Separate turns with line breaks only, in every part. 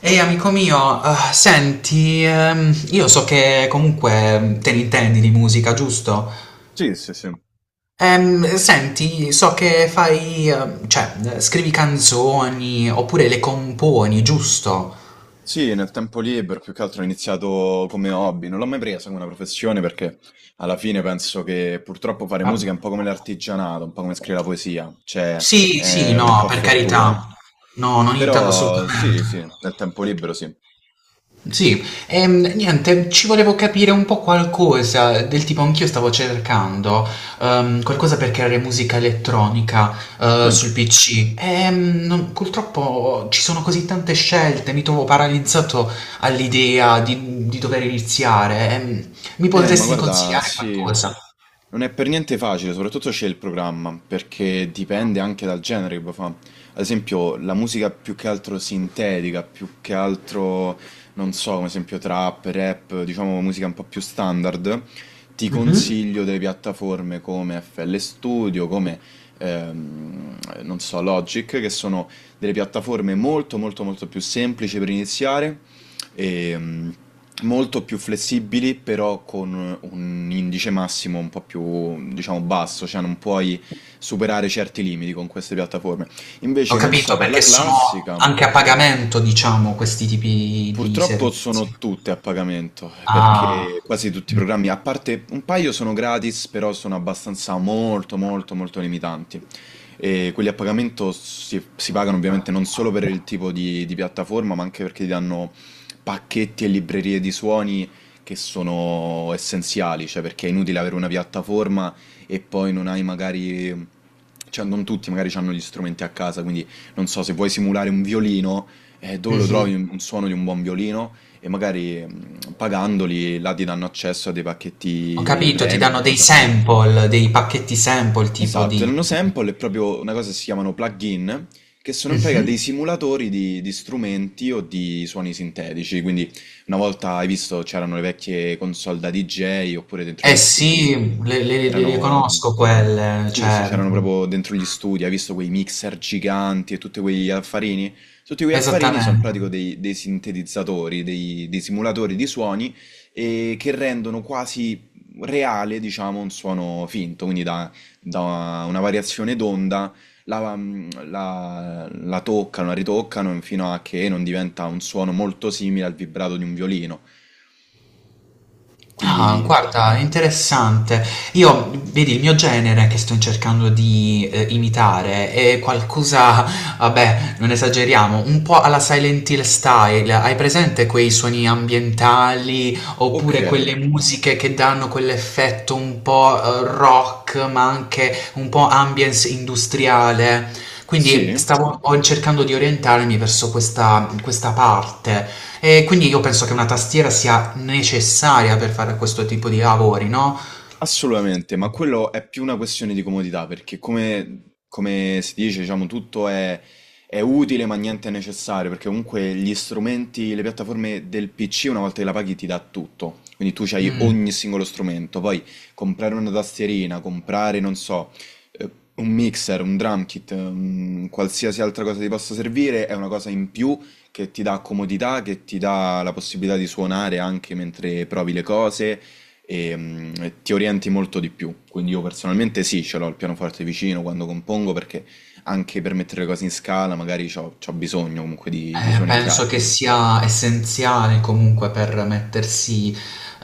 Ehi amico mio, senti, io so che comunque te ne intendi di musica, giusto?
Sì, sì, sì.
Senti, so che fai, cioè, scrivi canzoni oppure le componi, giusto?
Sì, nel tempo libero più che altro ho iniziato come hobby, non l'ho mai presa come una professione perché alla fine penso che purtroppo fare
Ah,
musica è un po' come l'artigianato, un po' come scrivere la poesia, cioè
sì, sì,
è un po'
no,
a
per
fortuna.
carità. No, non intendo
Però sì,
assolutamente.
sì, nel tempo libero sì.
Sì, niente, ci volevo capire un po' qualcosa, del tipo anch'io stavo cercando qualcosa per creare musica elettronica
Sì.
sul PC. Purtroppo ci sono così tante scelte, mi trovo paralizzato all'idea di dover iniziare. Mi
Ma
potresti
guarda,
consigliare
sì,
qualcosa?
non è per niente facile, soprattutto c'è il programma, perché dipende anche dal genere che vuoi fa. Ad esempio la musica più che altro sintetica, più che altro, non so, come esempio trap, rap, diciamo musica un po' più standard, ti
Mhm.
consiglio delle piattaforme come FL Studio, come ehm, non so, Logic, che sono delle piattaforme molto molto molto più semplici per iniziare e molto più flessibili, però con un indice massimo un po' più, diciamo, basso, cioè non puoi superare certi limiti con queste piattaforme.
Ho
Invece non so
capito,
per la
perché sono
classica.
anche a pagamento, diciamo, questi tipi di
Purtroppo
servizi.
sono tutte a pagamento,
Ah.
perché quasi tutti i
Mm.
programmi, a parte un paio sono gratis, però sono abbastanza molto molto molto limitanti. E quelli a pagamento si pagano ovviamente non solo per il tipo di piattaforma, ma anche perché ti danno pacchetti e librerie di suoni che sono essenziali, cioè perché è inutile avere una piattaforma e poi non hai magari... Cioè, non tutti magari hanno gli strumenti a casa, quindi non so, se vuoi simulare un violino, dove lo
Mh-mh.
trovi un suono di un buon violino e magari pagandoli là ti danno accesso a dei
Ho
pacchetti
capito, ti
premium,
danno dei
cose.
sample, dei pacchetti sample tipo
Esatto, e
di
Nano Sample è proprio una cosa che si chiamano plugin, che sono in pratica
mh-mh.
dei simulatori di strumenti o di suoni sintetici, quindi una volta hai visto c'erano le vecchie console da DJ oppure dentro
Eh
agli studi,
sì, le
erano
conosco quelle,
sì, sì,
cioè
c'erano proprio dentro gli studi, hai visto quei mixer giganti e tutti quegli affarini? Tutti quegli affarini sono in
esattamente.
pratica dei sintetizzatori, dei simulatori di suoni e che rendono quasi reale, diciamo, un suono finto, quindi da una variazione d'onda la, la toccano, la ritoccano fino a che non diventa un suono molto simile al vibrato di un violino.
Ah,
Quindi,
guarda, interessante. Io, vedi, il mio genere che sto cercando di imitare è qualcosa, vabbè, non esageriamo, un po' alla Silent Hill style. Hai presente quei suoni ambientali
ok,
oppure quelle musiche che danno quell'effetto un po' rock, ma anche un po' ambience industriale? Quindi
sì.
stavo cercando di orientarmi verso questa parte. E quindi io penso che una tastiera sia necessaria per fare questo tipo di lavori, no,
Assolutamente, ma quello è più una questione di comodità, perché come si dice, diciamo, tutto è utile ma niente è necessario, perché comunque gli strumenti, le piattaforme del PC una volta che la paghi ti dà tutto, quindi tu hai
mhmm,
ogni singolo strumento, poi comprare una tastierina, comprare, non so, eh, un mixer, un drum kit, un qualsiasi altra cosa ti possa servire, è una cosa in più che ti dà comodità, che ti dà la possibilità di suonare anche mentre provi le cose e ti orienti molto di più. Quindi io personalmente sì, ce l'ho il pianoforte vicino quando compongo perché anche per mettere le cose in scala magari c'ho bisogno comunque di suoni
penso
chiari.
che sia essenziale comunque per mettersi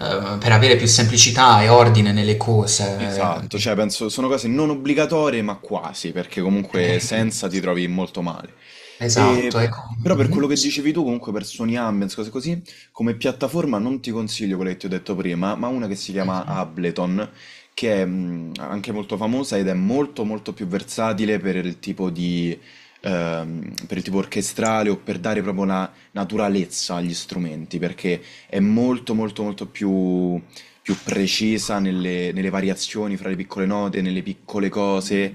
per avere più semplicità e ordine nelle cose.
Esatto, cioè penso sono cose non obbligatorie ma quasi, perché comunque
Ehm,
senza ti trovi molto male.
esatto,
E-
ecco.
Però per quello
Mh-mh,
che
sì,
dicevi tu, comunque per Sony Ambience, cose così, come piattaforma non ti consiglio quella che ti ho detto prima, ma una che si chiama
mh-mh.
Ableton, che è anche molto famosa ed è molto molto più versatile per il tipo di... per il tipo orchestrale o per dare proprio una naturalezza agli strumenti, perché è molto molto molto più precisa nelle variazioni fra le piccole note, nelle piccole cose,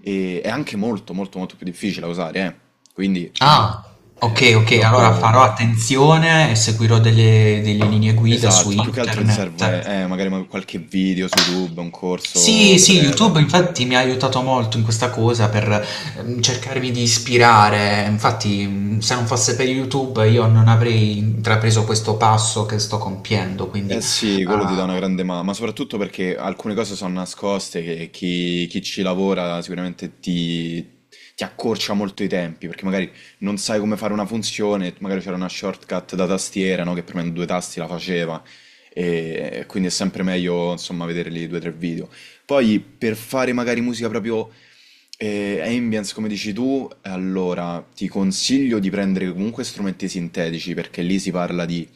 e è anche molto molto molto più difficile da usare, eh. Quindi
Ah, okay, okay, allora farò
purtroppo,
attenzione e seguirò delle linee guida su
esatto, più che altro ti
internet.
serve magari qualche video su YouTube, un corso
Sì, sì,
breve.
YouTube infatti mi ha aiutato molto in questa cosa per cercarmi di ispirare. Infatti, se non fosse per YouTube io non avrei intrapreso questo passo che sto compiendo,
Eh
quindi
sì, quello ti dà
ah,
una grande mano, ma soprattutto perché alcune cose sono nascoste che chi ci lavora sicuramente ti accorcia molto i tempi, perché magari non sai come fare una funzione, magari c'era una shortcut da tastiera, no, che premendo due tasti la faceva, e quindi è sempre meglio, insomma, vedere lì due o tre video. Poi per fare magari musica proprio ambience, come dici tu, allora ti consiglio di prendere comunque strumenti sintetici, perché lì si parla di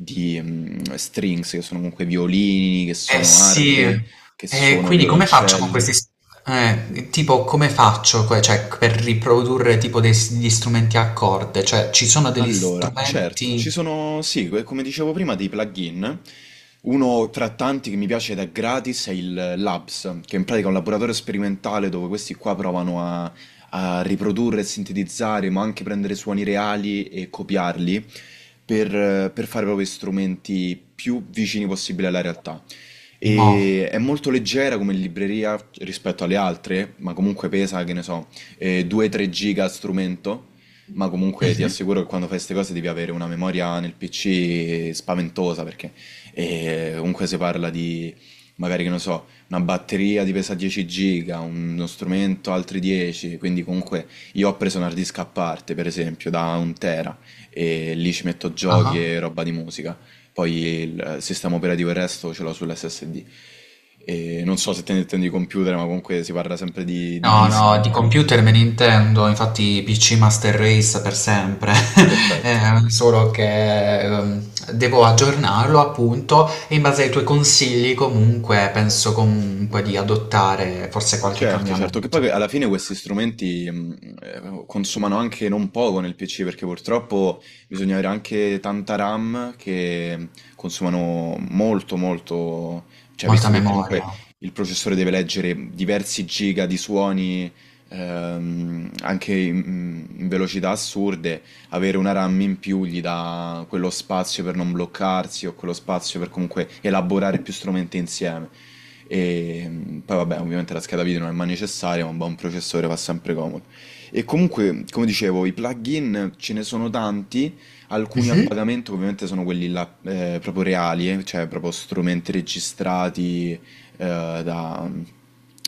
strings, che sono comunque violini, che
eh
sono
sì.
arpe, che
E
sono
quindi come faccio con
violoncelli.
tipo come faccio cioè, per riprodurre tipo degli strumenti a corde? Cioè, ci sono degli
Allora, certo, ci
strumenti
sono, sì, come dicevo prima, dei plugin. Uno tra tanti che mi piace ed è gratis è il Labs, che in pratica è un laboratorio sperimentale dove questi qua provano a riprodurre e sintetizzare, ma anche prendere suoni reali e copiarli per fare proprio strumenti più vicini possibile alla realtà.
mo.
E è molto leggera come libreria rispetto alle altre, ma comunque pesa, che ne so, 2-3 giga a strumento, ma comunque ti
Mhm.
assicuro che quando fai queste cose devi avere una memoria nel PC spaventosa, perché comunque si parla di, magari che ne so, una batteria di pesa 10 giga, uno strumento altri 10, quindi comunque io ho preso un hard disk a parte, per esempio, da un tera, e lì ci metto giochi
Ah.
e roba di musica. Poi il sistema operativo e il resto ce l'ho sull'SSD. E non so se te ne intendi computer, ma comunque si parla sempre di
No, no, di
dischi rigidi.
computer me ne intendo, infatti PC Master Race per sempre.
Perfetto.
Solo che devo aggiornarlo appunto e in base ai tuoi consigli comunque penso comunque di adottare forse qualche
Certo, certo, che
cambiamento.
poi alla fine questi strumenti consumano anche non poco nel PC perché purtroppo bisogna avere anche tanta RAM che consumano molto molto, cioè
Molta
visto che comunque
memoria.
il processore deve leggere diversi giga di suoni anche in velocità assurde, avere una RAM in più gli dà quello spazio per non bloccarsi o quello spazio per comunque elaborare più strumenti insieme. E poi vabbè, ovviamente la scheda video non è mai necessaria, ma un buon processore fa sempre comodo. E comunque, come dicevo, i plugin ce ne sono tanti, alcuni a
Mhm.
pagamento ovviamente sono quelli là, proprio reali, cioè proprio strumenti registrati da,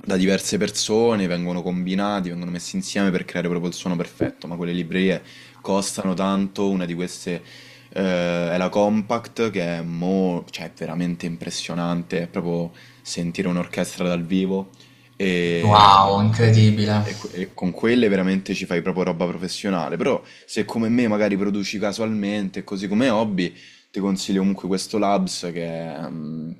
da diverse persone, vengono combinati, vengono messi insieme per creare proprio il suono perfetto, ma quelle librerie costano tanto, una di queste è la Compact che è, cioè, è veramente impressionante, è proprio sentire un'orchestra dal vivo e,
Wow, incredibile.
e con quelle veramente ci fai proprio roba professionale, però se come me magari produci casualmente, così come hobby, ti consiglio comunque questo Labs che è, mm,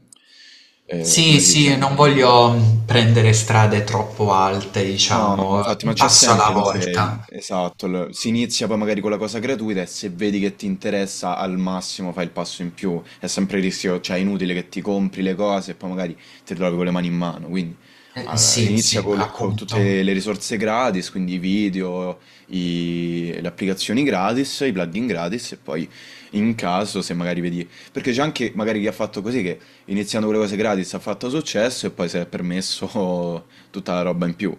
eh, come
Sì,
si
sì, non
dice?
voglio prendere strade troppo alte,
No,
diciamo,
infatti, ma
un
c'è
passo
sempre
alla
comunque il-
volta.
esatto, il- si inizia poi magari con la cosa gratuita e se vedi che ti interessa al massimo fai il passo in più, è sempre il rischio, cioè è inutile che ti compri le cose e poi magari ti trovi con le mani in mano, quindi allora,
Sì,
inizia
sì,
con, con
appunto.
tutte le risorse gratis, quindi i video, le applicazioni gratis, i plugin gratis e poi in caso se magari vedi, perché c'è anche magari chi ha fatto così che iniziando con le cose gratis ha fatto successo e poi si è permesso tutta la roba in più.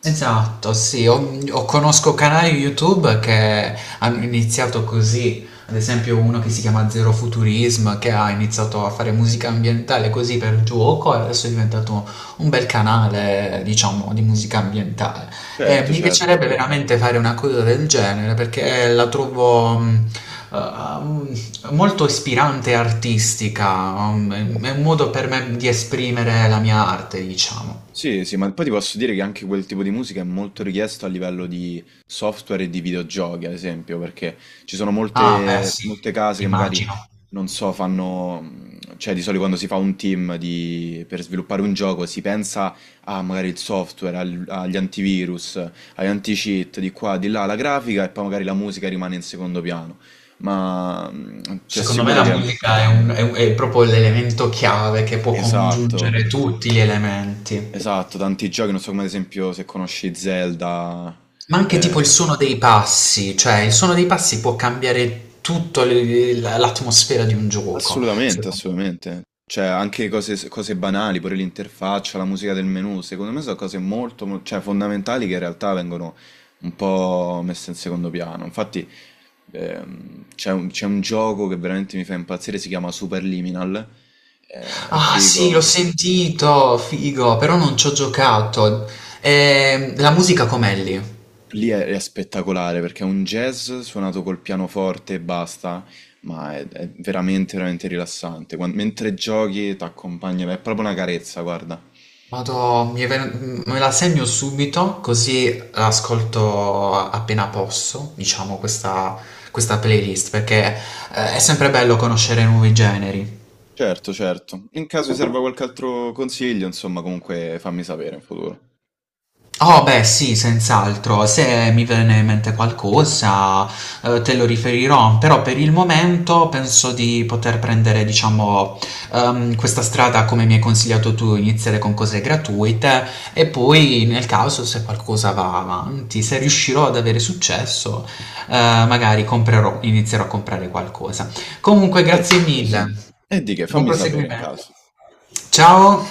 Esatto, sì, ho o conosco canali YouTube che hanno iniziato così, ad esempio uno che si chiama Zero Futurism, che ha iniziato a fare musica ambientale così per gioco e adesso è diventato un bel canale, diciamo, di musica ambientale. E
Certo,
mi piacerebbe
certo.
veramente fare una cosa del genere perché la trovo mm, molto ispirante e artistica, è un modo per me di esprimere la mia arte, diciamo.
Sì, sì, ma poi ti posso dire che anche quel tipo di musica è molto richiesto a livello di software e di videogiochi, ad esempio, perché ci sono
Ah, beh,
molte,
sì,
molte case che magari,
immagino.
non so, fanno, cioè di solito quando si fa un team per sviluppare un gioco si pensa a magari il software, agli antivirus, agli anti-cheat, di qua, di là, la grafica e poi magari la musica rimane in secondo piano. Ma ti
Secondo me
assicuro
la
che... è...
musica è, è proprio l'elemento chiave che può
Esatto.
congiungere tutti gli elementi.
Esatto, tanti giochi, non so come ad esempio se conosci Zelda.
Ma anche tipo
Eh,
il suono dei passi, cioè il suono dei passi può cambiare tutta l'atmosfera di un gioco.
assolutamente, assolutamente. Cioè, anche cose, cose banali, pure l'interfaccia, la musica del menu, secondo me sono cose molto, cioè, fondamentali che in realtà vengono un po' messe in secondo piano. Infatti, c'è un gioco che veramente mi fa impazzire, si chiama Superliminal. È
Ah, sì, l'ho
figo.
sentito, figo, però non ci ho giocato. La musica com'è lì?
Lì è spettacolare perché è un jazz suonato col pianoforte e basta, ma è veramente, veramente rilassante. Mentre giochi ti accompagna, è proprio una carezza, guarda.
Vado, me la segno subito, così appena posso, diciamo, questa playlist, perché è sempre bello conoscere nuovi generi.
Certo, certo. In caso ti serva qualche altro consiglio, insomma, comunque fammi sapere in futuro.
Oh beh sì, senz'altro, se mi viene in mente qualcosa, te lo riferirò, però per il momento penso di poter prendere, diciamo, questa strada come mi hai consigliato tu, iniziare con cose gratuite e poi nel caso se qualcosa va avanti, se riuscirò ad avere successo, magari comprerò, inizierò a comprare qualcosa. Comunque, grazie
Perfetto,
mille,
sì. E di che,
buon Figurati.
fammi sapere in
Proseguimento.
caso.
Ciao!